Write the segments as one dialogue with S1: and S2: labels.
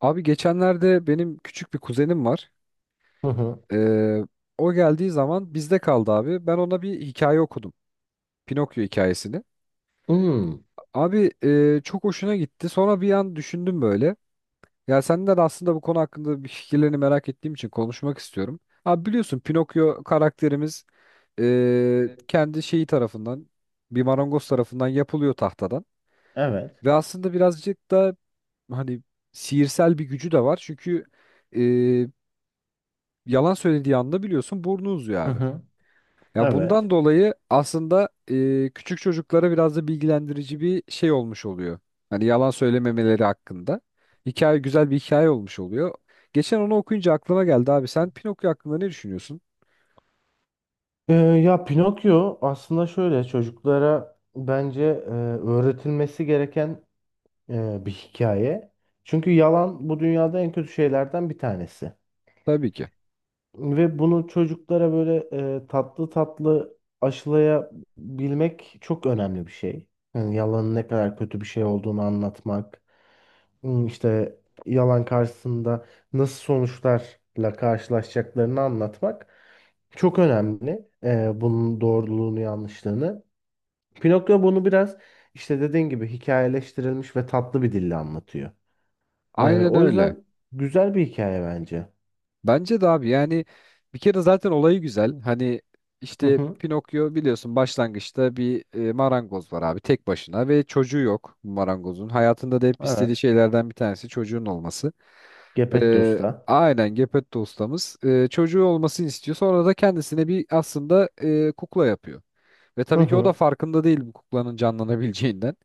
S1: Abi geçenlerde benim küçük bir kuzenim var.
S2: Hı hı.
S1: Ee, O geldiği zaman bizde kaldı abi. Ben ona bir hikaye okudum. Pinokyo hikayesini.
S2: Hmm.
S1: Abi çok hoşuna gitti. Sonra bir an düşündüm böyle. Ya senden aslında bu konu hakkında bir fikirlerini merak ettiğim için konuşmak istiyorum. Abi biliyorsun Pinokyo karakterimiz kendi şeyi tarafından bir marangoz tarafından yapılıyor tahtadan.
S2: Evet.
S1: Ve aslında birazcık da hani sihirsel bir gücü de var. Çünkü e, yalan söylediği anda biliyorsun burnu uzuyor
S2: Hı
S1: abi.
S2: hı,
S1: Ya bundan
S2: evet.
S1: dolayı aslında küçük çocuklara biraz da bilgilendirici bir şey olmuş oluyor. Hani yalan söylememeleri hakkında. Hikaye güzel bir hikaye olmuş oluyor. Geçen onu okuyunca aklıma geldi abi. Sen Pinokyo hakkında ne düşünüyorsun?
S2: Ya Pinokyo aslında şöyle çocuklara bence öğretilmesi gereken bir hikaye. Çünkü yalan bu dünyada en kötü şeylerden bir tanesi.
S1: Tabii ki.
S2: Ve bunu çocuklara böyle tatlı tatlı aşılayabilmek çok önemli bir şey. Yani yalanın ne kadar kötü bir şey olduğunu anlatmak, işte yalan karşısında nasıl sonuçlarla karşılaşacaklarını anlatmak. Çok önemli bunun doğruluğunu yanlışlığını. Pinokyo bunu biraz işte dediğin gibi hikayeleştirilmiş ve tatlı bir dille anlatıyor.
S1: Aynen
S2: O
S1: öyle.
S2: yüzden güzel bir hikaye bence.
S1: Bence de abi yani bir kere zaten olayı güzel. Hani
S2: Hı
S1: işte
S2: hı,
S1: Pinokyo biliyorsun başlangıçta bir marangoz var abi tek başına ve çocuğu yok bu marangozun. Hayatında da hep istediği
S2: evet.
S1: şeylerden bir tanesi çocuğun olması.
S2: Geppetto'sta.
S1: Aynen Geppetto ustamız çocuğu olmasını istiyor. Sonra da kendisine bir aslında kukla yapıyor. Ve
S2: Hı
S1: tabii ki o da
S2: hı,
S1: farkında değil bu kuklanın canlanabileceğinden.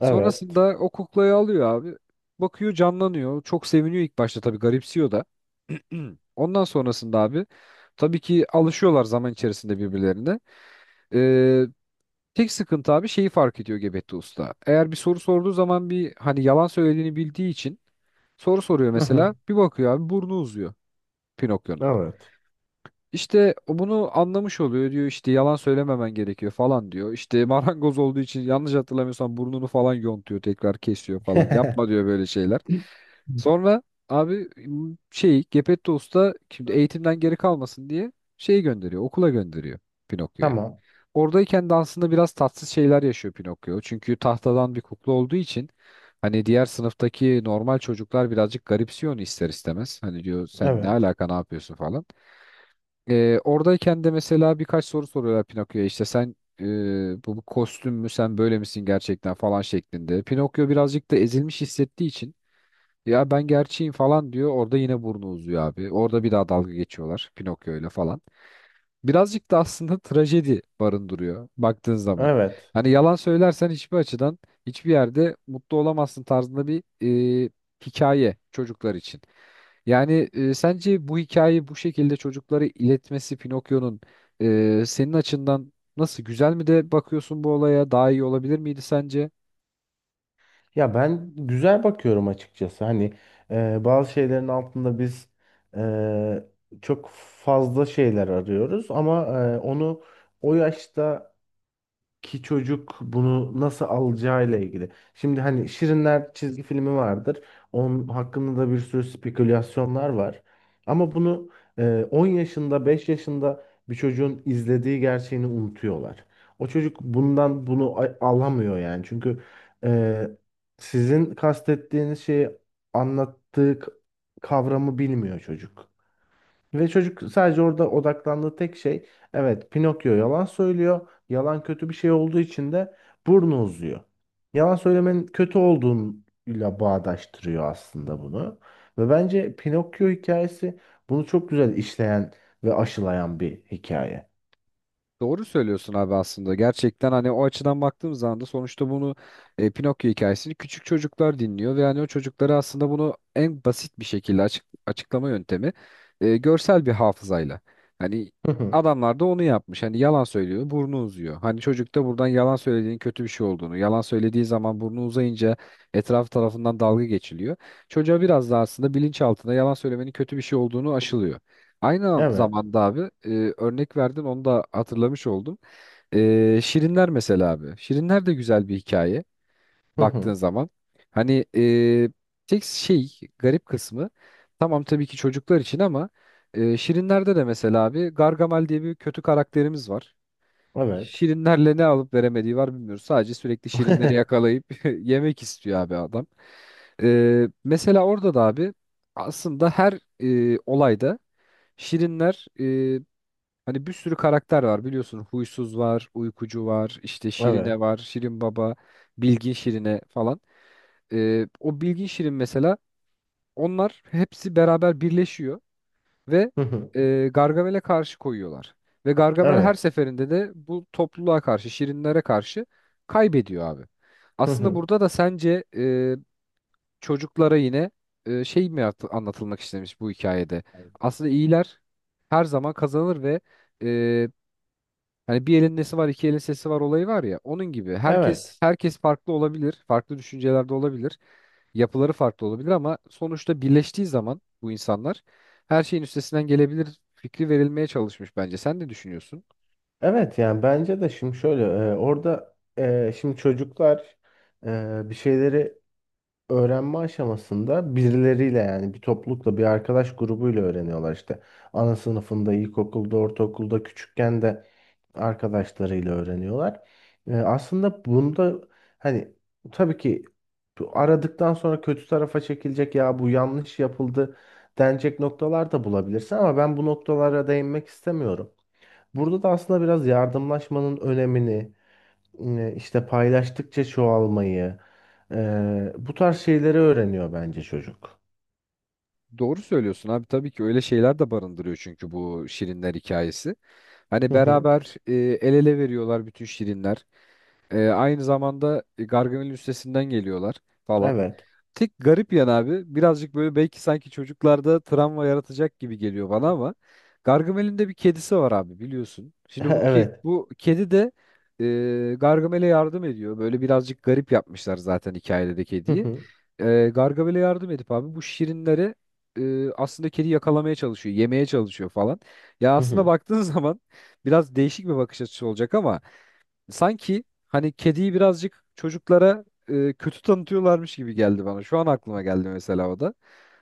S2: evet.
S1: Sonrasında o kuklayı alıyor abi. Bakıyor canlanıyor. Çok seviniyor ilk başta tabii garipsiyor da. Hmm. Ondan sonrasında abi tabii ki alışıyorlar zaman içerisinde birbirlerine. Ee, Tek sıkıntı abi şeyi fark ediyor Gebetli Usta. Eğer bir soru sorduğu zaman bir hani yalan söylediğini bildiği için soru soruyor
S2: Hı
S1: mesela.
S2: hı,
S1: Bir bakıyor abi burnu uzuyor Pinokyo'nun.
S2: evet.
S1: İşte o bunu anlamış oluyor diyor işte yalan söylememen gerekiyor falan diyor. İşte marangoz olduğu için yanlış hatırlamıyorsam burnunu falan yontuyor tekrar kesiyor falan. Yapma diyor böyle şeyler. Sonra abi m, şey Gepetto Usta şimdi eğitimden geri kalmasın diye şeyi gönderiyor okula gönderiyor Pinokyo'yu.
S2: Tamam.
S1: Oradayken de aslında biraz tatsız şeyler yaşıyor Pinokyo. Çünkü tahtadan bir kukla olduğu için hani diğer sınıftaki normal çocuklar birazcık garipsiyor onu ister istemez. Hani diyor sen ne
S2: Evet.
S1: alaka ne yapıyorsun falan. Oradayken de mesela birkaç soru soruyorlar Pinokyo'ya işte sen bu kostüm mü sen böyle misin gerçekten falan şeklinde. Pinokyo birazcık da ezilmiş hissettiği için ya ben gerçeğim falan diyor orada yine burnu uzuyor abi. Orada bir daha dalga geçiyorlar Pinokyo ile falan birazcık da aslında trajedi barındırıyor baktığın zaman.
S2: Evet.
S1: Hani yalan söylersen hiçbir açıdan hiçbir yerde mutlu olamazsın tarzında bir e, hikaye çocuklar için. Yani sence bu hikayeyi bu şekilde çocuklara iletmesi Pinokyo'nun senin açından nasıl güzel mi de bakıyorsun bu olaya daha iyi olabilir miydi sence?
S2: Ya ben güzel bakıyorum açıkçası. Hani bazı şeylerin altında biz e, çok fazla şeyler arıyoruz ama onu o yaşta ki çocuk bunu nasıl alacağıyla ilgili. Şimdi hani Şirinler çizgi filmi vardır. Onun hakkında da bir sürü spekülasyonlar var. Ama bunu 10 yaşında, 5 yaşında bir çocuğun izlediği gerçeğini unutuyorlar. O çocuk bundan bunu alamıyor yani. Çünkü e, sizin kastettiğiniz şeyi anlattığı, kavramı bilmiyor çocuk. Ve çocuk sadece orada odaklandığı tek şey evet Pinokyo yalan söylüyor. Yalan kötü bir şey olduğu için de burnu uzuyor. Yalan söylemenin kötü olduğuyla bağdaştırıyor aslında bunu. Ve bence Pinokyo hikayesi bunu çok güzel işleyen ve aşılayan bir hikaye.
S1: Doğru söylüyorsun abi aslında. Gerçekten hani o açıdan baktığım zaman da sonuçta bunu Pinokyo hikayesini küçük çocuklar dinliyor ve hani o çocuklara aslında bunu en basit bir şekilde açıklama yöntemi görsel bir hafızayla. Hani
S2: Hı hı.
S1: adamlar da onu yapmış. Hani yalan söylüyor, burnu uzuyor. Hani çocuk da buradan yalan söylediğin kötü bir şey olduğunu, yalan söylediği zaman burnu uzayınca etraf tarafından dalga geçiliyor. Çocuğa biraz da aslında bilinçaltında yalan söylemenin kötü bir şey olduğunu aşılıyor. Aynı
S2: Evet.
S1: zamanda abi örnek verdin onu da hatırlamış oldum. Şirinler mesela abi. Şirinler de güzel bir hikaye
S2: Hı
S1: baktığın
S2: hı.
S1: zaman. Hani tek şey garip kısmı tamam tabii ki çocuklar için ama Şirinler'de de mesela abi Gargamel diye bir kötü karakterimiz var.
S2: Evet.
S1: Şirinlerle ne alıp veremediği var bilmiyoruz. Sadece sürekli Şirinleri yakalayıp yemek istiyor abi adam. Mesela orada da abi aslında her olayda Şirinler hani bir sürü karakter var biliyorsun. Huysuz var, uykucu var, işte
S2: Evet.
S1: Şirine var, Şirin Baba, Bilgin Şirine falan. O Bilgin Şirin mesela onlar hepsi beraber birleşiyor ve
S2: Hı hı.
S1: Gargamel'e karşı koyuyorlar. Ve Gargamel her
S2: Evet.
S1: seferinde de bu topluluğa karşı, Şirinlere karşı kaybediyor abi.
S2: Hı
S1: Aslında
S2: hı.
S1: burada da sence çocuklara yine anlatılmak istemiş bu hikayede? Aslında iyiler her zaman kazanır ve e, hani bir elin nesi var, iki elin sesi var olayı var ya. Onun gibi
S2: Evet.
S1: herkes farklı olabilir, farklı düşüncelerde olabilir, yapıları farklı olabilir ama sonuçta birleştiği zaman bu insanlar her şeyin üstesinden gelebilir fikri verilmeye çalışmış bence. Sen ne düşünüyorsun?
S2: Evet yani bence de şimdi şöyle orada şimdi çocuklar bir şeyleri öğrenme aşamasında birileriyle yani bir toplulukla bir arkadaş grubuyla öğreniyorlar işte ana sınıfında ilkokulda ortaokulda küçükken de arkadaşlarıyla öğreniyorlar. Aslında bunda hani tabii ki bu aradıktan sonra kötü tarafa çekilecek ya bu yanlış yapıldı denecek noktalar da bulabilirsin ama ben bu noktalara değinmek istemiyorum. Burada da aslında biraz yardımlaşmanın önemini, işte paylaştıkça çoğalmayı, bu tarz şeyleri öğreniyor bence çocuk.
S1: Doğru söylüyorsun abi tabii ki öyle şeyler de barındırıyor çünkü bu şirinler hikayesi. Hani
S2: Hı hı,
S1: beraber el ele veriyorlar bütün şirinler. Aynı zamanda Gargamel'in üstesinden geliyorlar falan.
S2: evet.
S1: Tek garip yan abi birazcık böyle belki sanki çocuklarda travma yaratacak gibi geliyor bana ama Gargamel'in de bir kedisi var abi biliyorsun. Şimdi
S2: Evet.
S1: bu kedi de Gargamel'e yardım ediyor. Böyle birazcık garip yapmışlar zaten hikayede de
S2: Hı
S1: kediyi.
S2: hı,
S1: Gargamel'e yardım edip abi bu şirinleri aslında kedi yakalamaya çalışıyor, yemeye çalışıyor falan. Ya
S2: hı
S1: aslında
S2: hı.
S1: baktığın zaman biraz değişik bir bakış açısı olacak ama sanki hani kediyi birazcık çocuklara kötü tanıtıyorlarmış gibi geldi bana. Şu an aklıma geldi mesela o da.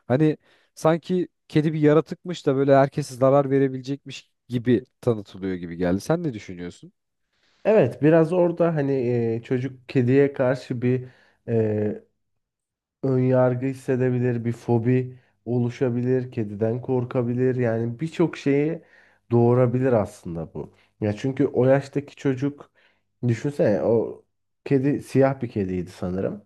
S1: Hani sanki kedi bir yaratıkmış da böyle herkese zarar verebilecekmiş gibi tanıtılıyor gibi geldi. Sen ne düşünüyorsun?
S2: Evet, biraz orada hani çocuk kediye karşı bir e, önyargı hissedebilir, bir fobi oluşabilir, kediden korkabilir. Yani birçok şeyi doğurabilir aslında bu. Ya çünkü o yaştaki çocuk düşünsene o kedi siyah bir kediydi sanırım.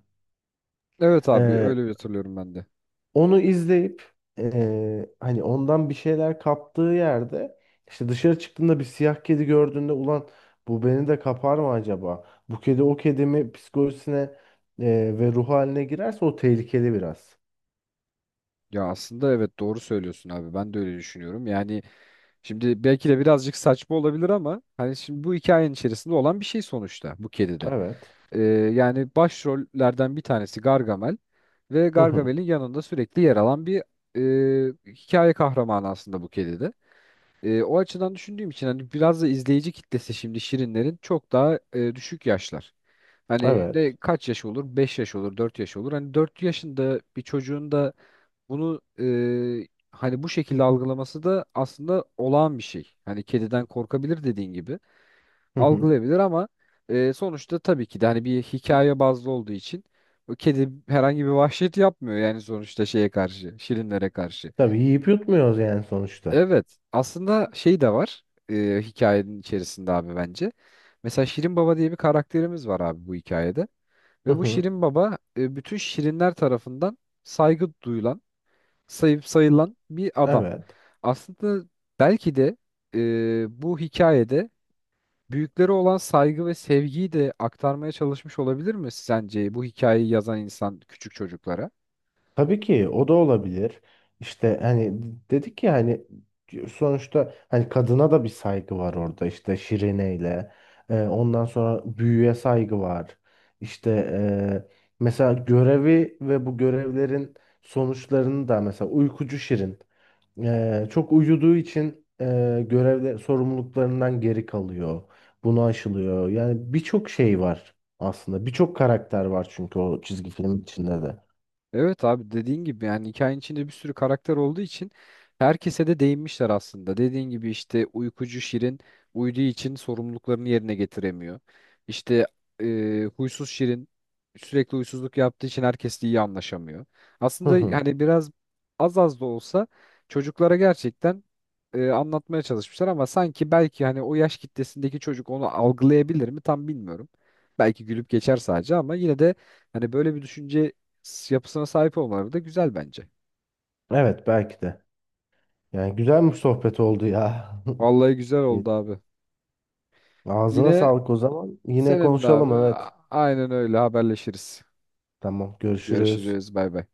S1: Evet abi
S2: Ee,
S1: öyle bir hatırlıyorum ben de.
S2: onu izleyip hani ondan bir şeyler kaptığı yerde işte dışarı çıktığında bir siyah kedi gördüğünde ulan bu beni de kapar mı acaba? Bu kedi o kedimi psikolojisine ve ruh haline girerse o tehlikeli biraz.
S1: Ya aslında evet doğru söylüyorsun abi. Ben de öyle düşünüyorum. Yani şimdi belki de birazcık saçma olabilir ama hani şimdi bu hikayenin içerisinde olan bir şey sonuçta bu kedide.
S2: Evet.
S1: Ee, Yani başrollerden bir tanesi Gargamel ve
S2: Hı hı.
S1: Gargamel'in yanında sürekli yer alan bir hikaye kahramanı aslında bu kedi de. O açıdan düşündüğüm için hani biraz da izleyici kitlesi şimdi Şirinlerin çok daha düşük yaşlar. Hani de
S2: Evet.
S1: kaç yaş olur? 5 yaş olur, 4 yaş olur. Hani 4 yaşında bir çocuğun da bunu hani bu şekilde algılaması da aslında olağan bir şey. Hani kediden korkabilir dediğin gibi
S2: Hı hı.
S1: algılayabilir ama sonuçta tabii ki de hani bir hikaye bazlı olduğu için o kedi herhangi bir vahşet yapmıyor yani sonuçta şeye karşı, şirinlere karşı.
S2: Tabii yiyip yutmuyoruz yani sonuçta.
S1: Evet, aslında şey de var hikayenin içerisinde abi bence. Mesela Şirin Baba diye bir karakterimiz var abi bu hikayede
S2: Hı
S1: ve bu
S2: hı.
S1: Şirin Baba bütün şirinler tarafından saygı duyulan, sayıp sayılan bir adam.
S2: Evet.
S1: Aslında belki de bu hikayede büyüklere olan saygı ve sevgiyi de aktarmaya çalışmış olabilir mi sence bu hikayeyi yazan insan küçük çocuklara?
S2: Tabii ki o da olabilir. İşte hani dedik ya hani sonuçta hani kadına da bir saygı var orada işte Şirine'yle. Ondan sonra büyüye saygı var. İşte mesela görevi ve bu görevlerin sonuçlarını da mesela uykucu Şirin çok uyuduğu için görevde sorumluluklarından geri kalıyor. Bunu aşılıyor. Yani birçok şey var aslında. Birçok karakter var çünkü o çizgi film içinde de.
S1: Evet abi dediğin gibi yani hikayenin içinde bir sürü karakter olduğu için herkese de değinmişler aslında. Dediğin gibi işte uykucu Şirin uyuduğu için sorumluluklarını yerine getiremiyor. İşte huysuz Şirin sürekli huysuzluk yaptığı için herkesle iyi anlaşamıyor.
S2: Hı
S1: Aslında
S2: hı.
S1: hani biraz az az da olsa çocuklara gerçekten anlatmaya çalışmışlar ama sanki belki hani o yaş kitlesindeki çocuk onu algılayabilir mi tam bilmiyorum. Belki gülüp geçer sadece ama yine de hani böyle bir düşünce yapısına sahip olmaları da güzel bence.
S2: Evet belki de. Yani güzel bir sohbet oldu ya.
S1: Vallahi güzel
S2: E,
S1: oldu abi.
S2: ağzına
S1: Yine
S2: sağlık o zaman. Yine
S1: senin de
S2: konuşalım
S1: abi.
S2: evet.
S1: Aynen öyle haberleşiriz.
S2: Tamam görüşürüz.
S1: Görüşürüz. Bay bay.